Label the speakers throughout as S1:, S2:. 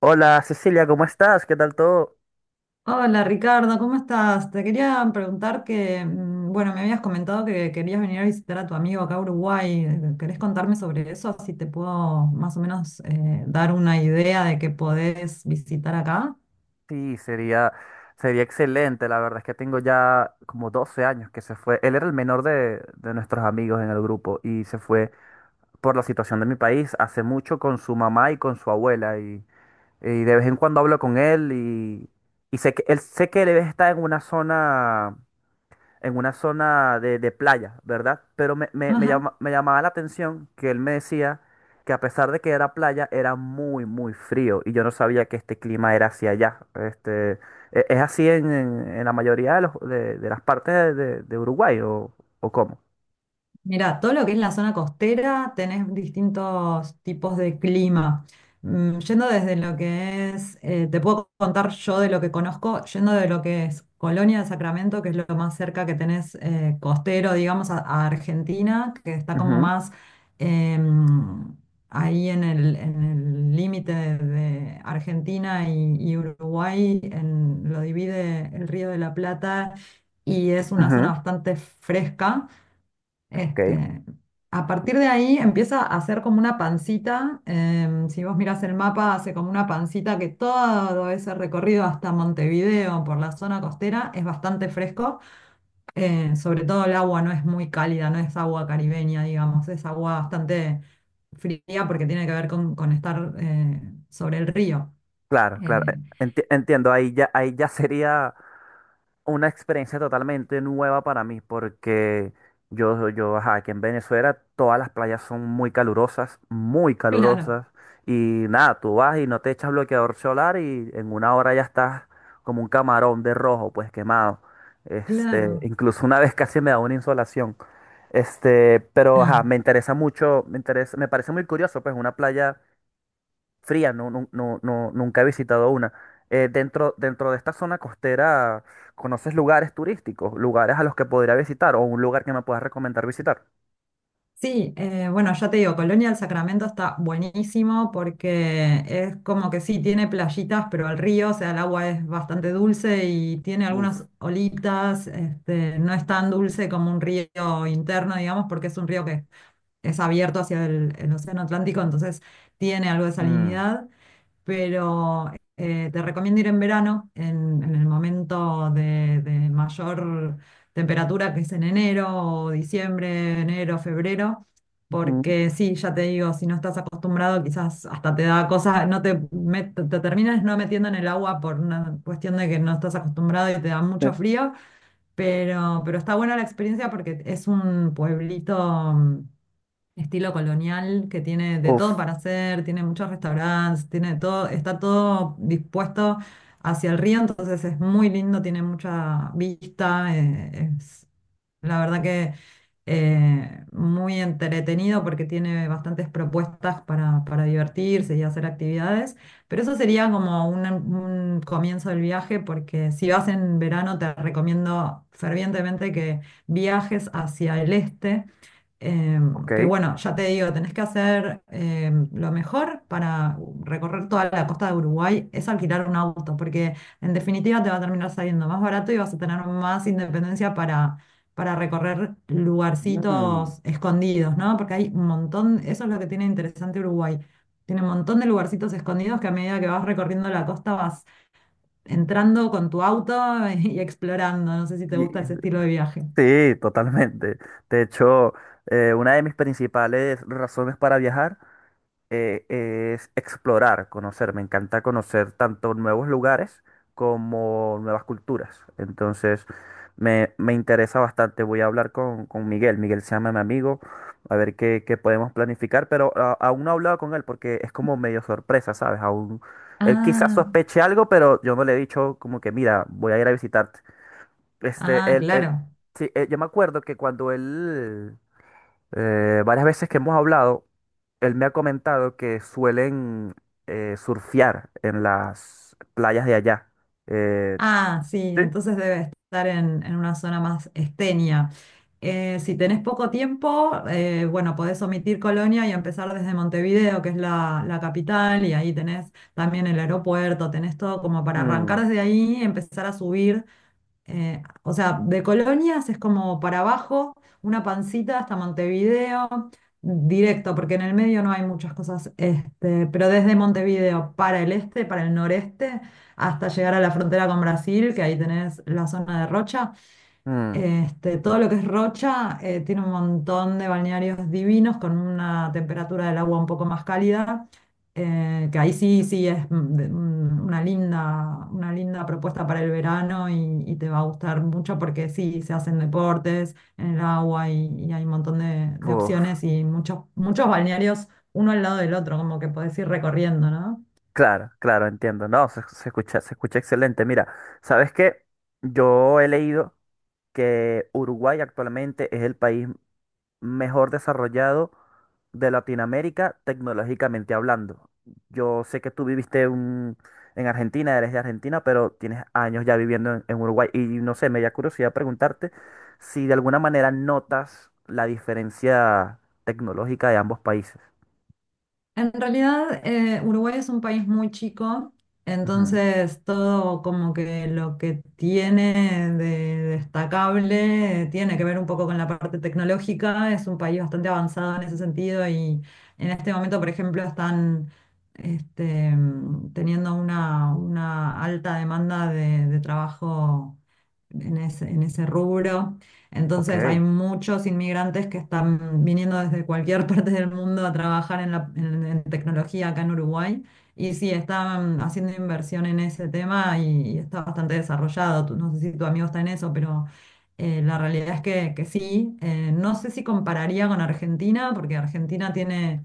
S1: Hola Cecilia, ¿cómo estás? ¿Qué tal todo?
S2: Hola Ricardo, ¿cómo estás? Te quería preguntar bueno, me habías comentado que querías venir a visitar a tu amigo acá a Uruguay. ¿Querés contarme sobre eso? Así te puedo más o menos dar una idea de qué podés visitar acá.
S1: Sí, sería, sería excelente. La verdad es que tengo ya como 12 años que se fue. Él era el menor de nuestros amigos en el grupo y se fue por la situación de mi país hace mucho con su mamá y con su abuela. Y de vez en cuando hablo con él. Y sé que él está en una zona de playa, ¿verdad? Pero
S2: Ajá.
S1: me llamaba la atención que él me decía que a pesar de que era playa, era muy frío y yo no sabía que este clima era hacia allá. ¿es así en la mayoría de las partes de Uruguay o cómo?
S2: Mira, todo lo que es la zona costera, tenés distintos tipos de clima. Yendo desde lo que es, te puedo contar yo de lo que conozco, yendo de lo que es Colonia de Sacramento, que es lo más cerca que tenés costero, digamos, a Argentina, que está como
S1: Ujú.
S2: más em, ahí en el límite de Argentina y Uruguay, lo divide el Río de la Plata y es una zona
S1: Ujú.
S2: bastante fresca
S1: Ok.
S2: este, a partir de ahí empieza a hacer como una pancita. Si vos mirás el mapa, hace como una pancita que todo ese recorrido hasta Montevideo por la zona costera es bastante fresco. Sobre todo el agua no es muy cálida, no es agua caribeña, digamos, es agua bastante fría porque tiene que ver con estar sobre el río.
S1: Claro, claro.
S2: Eh,
S1: Entiendo, ahí ya sería una experiencia totalmente nueva para mí, porque ajá, aquí en Venezuela todas las playas son muy
S2: claro,
S1: calurosas, y nada, tú vas y no te echas bloqueador solar y en una hora ya estás como un camarón de rojo, pues quemado.
S2: claro.
S1: Incluso una vez casi me da una insolación. Pero ajá, me interesa mucho, me interesa, me parece muy curioso, pues una playa fría, no, no, nunca he visitado una. Dentro de esta zona costera, ¿conoces lugares turísticos? ¿Lugares a los que podría visitar o un lugar que me puedas recomendar visitar?
S2: Sí, bueno, ya te digo, Colonia del Sacramento está buenísimo porque es como que sí, tiene playitas, pero el río, o sea, el agua es bastante dulce y tiene
S1: Uf.
S2: algunas olitas, este, no es tan dulce como un río interno, digamos, porque es un río que es abierto hacia el Océano Atlántico, entonces tiene algo de
S1: Mm.
S2: salinidad pero te recomiendo ir en verano, en el momento de mayor temperatura, que es en enero, o diciembre, enero, febrero,
S1: Ujú.
S2: porque sí, ya te digo, si no estás acostumbrado, quizás hasta te da cosas, no te, met- te terminas no metiendo en el agua por una cuestión de que no estás acostumbrado y te da
S1: Eh,
S2: mucho frío, pero está buena la experiencia porque es un pueblito. Estilo colonial que tiene de
S1: Uf.
S2: todo para hacer, tiene muchos restaurantes, tiene de todo, está todo dispuesto hacia el río, entonces es muy lindo, tiene mucha vista, es la verdad que muy entretenido porque tiene bastantes propuestas para divertirse y hacer actividades, pero eso sería como un comienzo del viaje porque si vas en verano te recomiendo fervientemente que viajes hacia el este.
S1: Ok.
S2: Que bueno, ya te digo, tenés que hacer lo mejor para recorrer toda la costa de Uruguay es alquilar un auto, porque en definitiva te va a terminar saliendo más barato y vas a tener más independencia para recorrer
S1: Mm.
S2: lugarcitos escondidos, ¿no? Porque hay un montón, eso es lo que tiene interesante Uruguay. Tiene un montón de lugarcitos escondidos que a medida que vas recorriendo la costa vas entrando con tu auto y explorando. No sé si te gusta
S1: Y-
S2: ese estilo de viaje.
S1: sí, totalmente. De hecho, una de mis principales razones para viajar eh, es explorar, conocer. Me encanta conocer tanto nuevos lugares como nuevas culturas. Entonces, me interesa bastante. Voy a hablar con Miguel. Miguel se llama mi amigo, a ver qué podemos planificar, pero aún no he hablado con él porque es como medio sorpresa, ¿sabes? Aún él quizás
S2: Ah,
S1: sospeche algo, pero yo no le he dicho como que, mira, voy a ir a visitarte. Este, él, él,
S2: claro.
S1: sí, yo me acuerdo que cuando él, varias veces que hemos hablado, él me ha comentado que suelen surfear en las playas de allá. Eh.
S2: Ah, sí,
S1: Sí.
S2: entonces debe estar en una zona más esteña. Si tenés poco tiempo, bueno, podés omitir Colonia y empezar desde Montevideo, que es la, la capital, y ahí tenés también el aeropuerto, tenés todo como para
S1: Mm.
S2: arrancar desde ahí, empezar a subir. O sea, de Colonias es como para abajo, una pancita hasta Montevideo, directo, porque en el medio no hay muchas cosas, este, pero desde Montevideo para el este, para el noreste, hasta llegar a la frontera con Brasil, que ahí tenés la zona de Rocha,
S1: Mm.
S2: este, todo lo que es Rocha tiene un montón de balnearios divinos con una temperatura del agua un poco más cálida, que ahí sí, sí es una linda propuesta para el verano y te va a gustar mucho porque sí, se hacen deportes en el agua y hay un montón de
S1: Uf.
S2: opciones y muchos, muchos balnearios uno al lado del otro, como que podés ir recorriendo, ¿no?
S1: Claro, claro, entiendo. No, se escucha excelente. Mira, ¿sabes qué? Yo he leído que Uruguay actualmente es el país mejor desarrollado de Latinoamérica tecnológicamente hablando. Yo sé que tú en Argentina, eres de Argentina, pero tienes años ya viviendo en Uruguay y no sé, me da curiosidad preguntarte si de alguna manera notas la diferencia tecnológica de ambos países.
S2: En realidad, Uruguay es un país muy chico,
S1: Ujú.
S2: entonces todo como que lo que tiene de destacable tiene que ver un poco con la parte tecnológica. Es un país bastante avanzado en ese sentido y en este momento, por ejemplo, están teniendo una alta demanda de trabajo en ese rubro.
S1: Ok.
S2: Entonces hay muchos inmigrantes que están viniendo desde cualquier parte del mundo a trabajar en, en tecnología acá en Uruguay. Y sí, están haciendo inversión en ese tema y está bastante desarrollado. No sé si tu amigo está en eso, pero la realidad es que sí. No sé si compararía con Argentina, porque Argentina tiene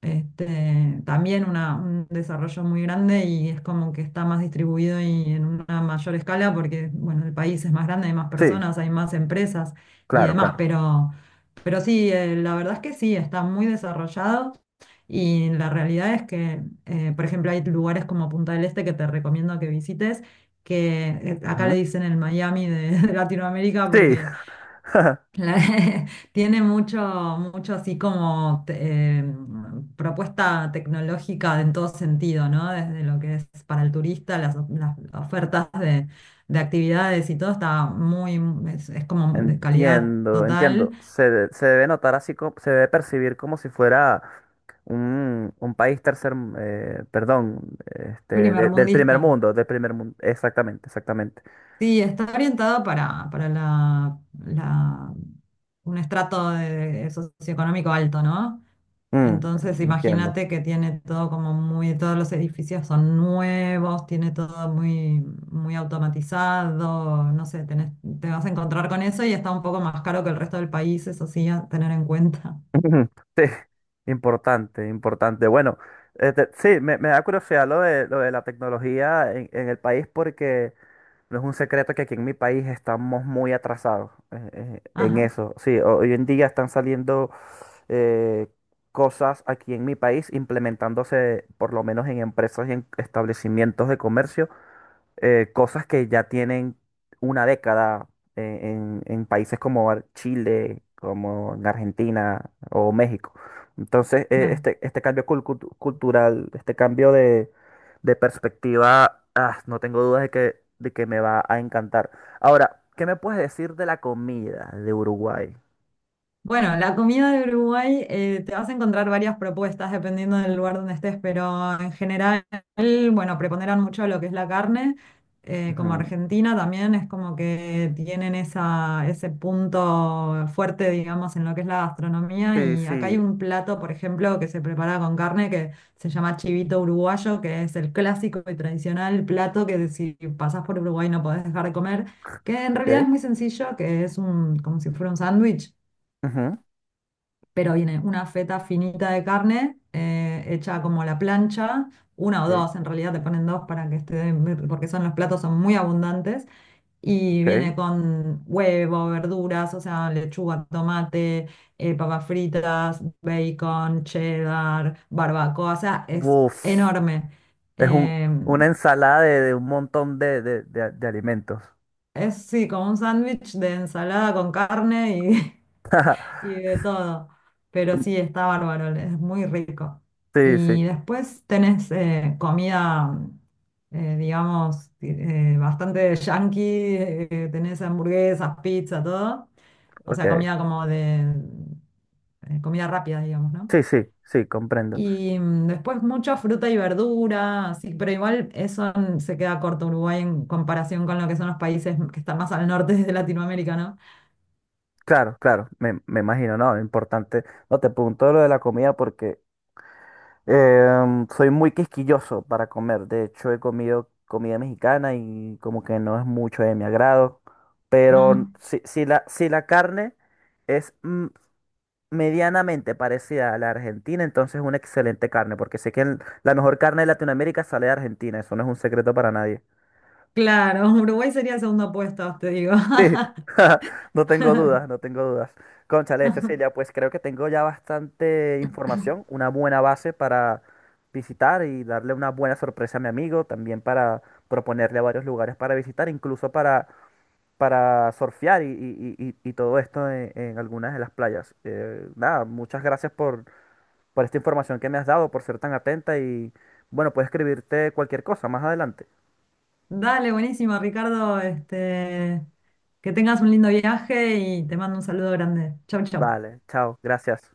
S2: este, también un desarrollo muy grande y es como que está más distribuido y en una mayor escala porque, bueno, el país es más grande, hay más
S1: Sí,
S2: personas, hay más empresas y
S1: claro,
S2: demás,
S1: claro.
S2: pero sí, la verdad es que sí, está muy desarrollado y la realidad es que, por ejemplo, hay lugares como Punta del Este que te recomiendo que visites, que acá le
S1: Ujú.
S2: dicen el Miami de de Latinoamérica
S1: Sí.
S2: porque la- tiene mucho así como propuesta tecnológica en todo sentido, ¿no? Desde lo que es para el turista, las ofertas de actividades y todo está muy, es como de calidad
S1: Entiendo,
S2: total,
S1: entiendo. Se debe notar así, como, se debe percibir como si fuera un país tercer, perdón,
S2: primermundista.
S1: del primer mundo, exactamente, exactamente.
S2: Sí, está orientada para la- un estrato socioeconómico alto, ¿no?
S1: Mm.
S2: Entonces,
S1: Entiendo.
S2: imagínate que tiene todo como muy, todos los edificios son nuevos, tiene todo muy, muy automatizado, no sé, te vas a encontrar con eso y está un poco más caro que el resto del país, eso sí, a tener en cuenta.
S1: Ujú. Sí, importante, importante. Bueno, sí, me da curiosidad lo lo de la tecnología en el país porque no es un secreto que aquí en mi país estamos muy atrasados en
S2: Ajá.
S1: eso. Sí, hoy en día están saliendo eh, cosas aquí en mi país implementándose por lo menos en empresas y en establecimientos de comercio, cosas que ya tienen 1 década en países como Chile, como en Argentina o México. Entonces,
S2: Claro.
S1: este cambio cultural, este cambio de perspectiva, ah, no tengo dudas de de que me va a encantar. Ahora, ¿qué me puedes decir de la comida de Uruguay?
S2: Bueno, la comida de Uruguay, te vas a encontrar varias propuestas dependiendo del lugar donde estés, pero en general, bueno, preponderan mucho lo que es la carne. Como
S1: Ujú.
S2: Argentina también es como que tienen esa, ese punto fuerte, digamos, en lo que es la gastronomía.
S1: Sí,
S2: Y acá
S1: sí,
S2: hay un plato, por ejemplo, que se prepara con carne que se llama chivito uruguayo, que es el clásico y tradicional plato que si pasás por Uruguay no podés dejar de comer. Que en realidad
S1: ok.
S2: es muy sencillo, que es un, como si fuera un sándwich
S1: Ujú,
S2: pero viene una feta finita de carne hecha como a la plancha, una o
S1: ok,
S2: dos, en realidad te ponen dos para que esté, porque son los platos son muy abundantes, y
S1: ok.
S2: viene con huevo, verduras, o sea, lechuga, tomate, papas fritas, bacon, cheddar, barbacoa, o sea, es
S1: Buf,
S2: enorme.
S1: es un,
S2: Em,
S1: una ensalada de un montón de alimentos.
S2: es sí, como un sándwich de ensalada con carne y y de todo. Pero sí, está bárbaro, es muy rico.
S1: Sí, sí,
S2: Y después tenés comida, digamos, bastante yankee, tenés hamburguesas, pizza, todo. O sea,
S1: ok.
S2: comida como de comida rápida, digamos, ¿no?
S1: Sí, sí, sí, comprendo.
S2: Y después mucha fruta y verdura, así, pero igual eso se queda corto Uruguay en comparación con lo que son los países que están más al norte de Latinoamérica, ¿no?
S1: Claro, claro, me imagino, ¿no? Importante. No te pregunto lo de la comida porque em, soy muy quisquilloso para comer. De hecho, he comido comida mexicana y como que no es mucho de mi agrado. Pero
S2: Mm.
S1: si, si la carne es mm, medianamente parecida a la argentina, entonces es una excelente carne, porque sé que la mejor carne de Latinoamérica sale de Argentina. Eso no es un secreto para nadie.
S2: Claro, Uruguay sería segundo puesto, te digo.
S1: Sí, no tengo dudas, no tengo dudas. Cónchale, Cecilia, pues creo que tengo ya bastante información, una buena base para visitar y darle una buena sorpresa a mi amigo, también para proponerle varios lugares para visitar, incluso para surfear y y todo esto en algunas de las playas. Nada, muchas gracias por esta información que me has dado, por ser tan atenta y bueno, puedes escribirte cualquier cosa más adelante.
S2: Dale, buenísimo, Ricardo. Este, que tengas un lindo viaje y te mando un saludo grande. Chau, chau.
S1: Vale, chao, gracias.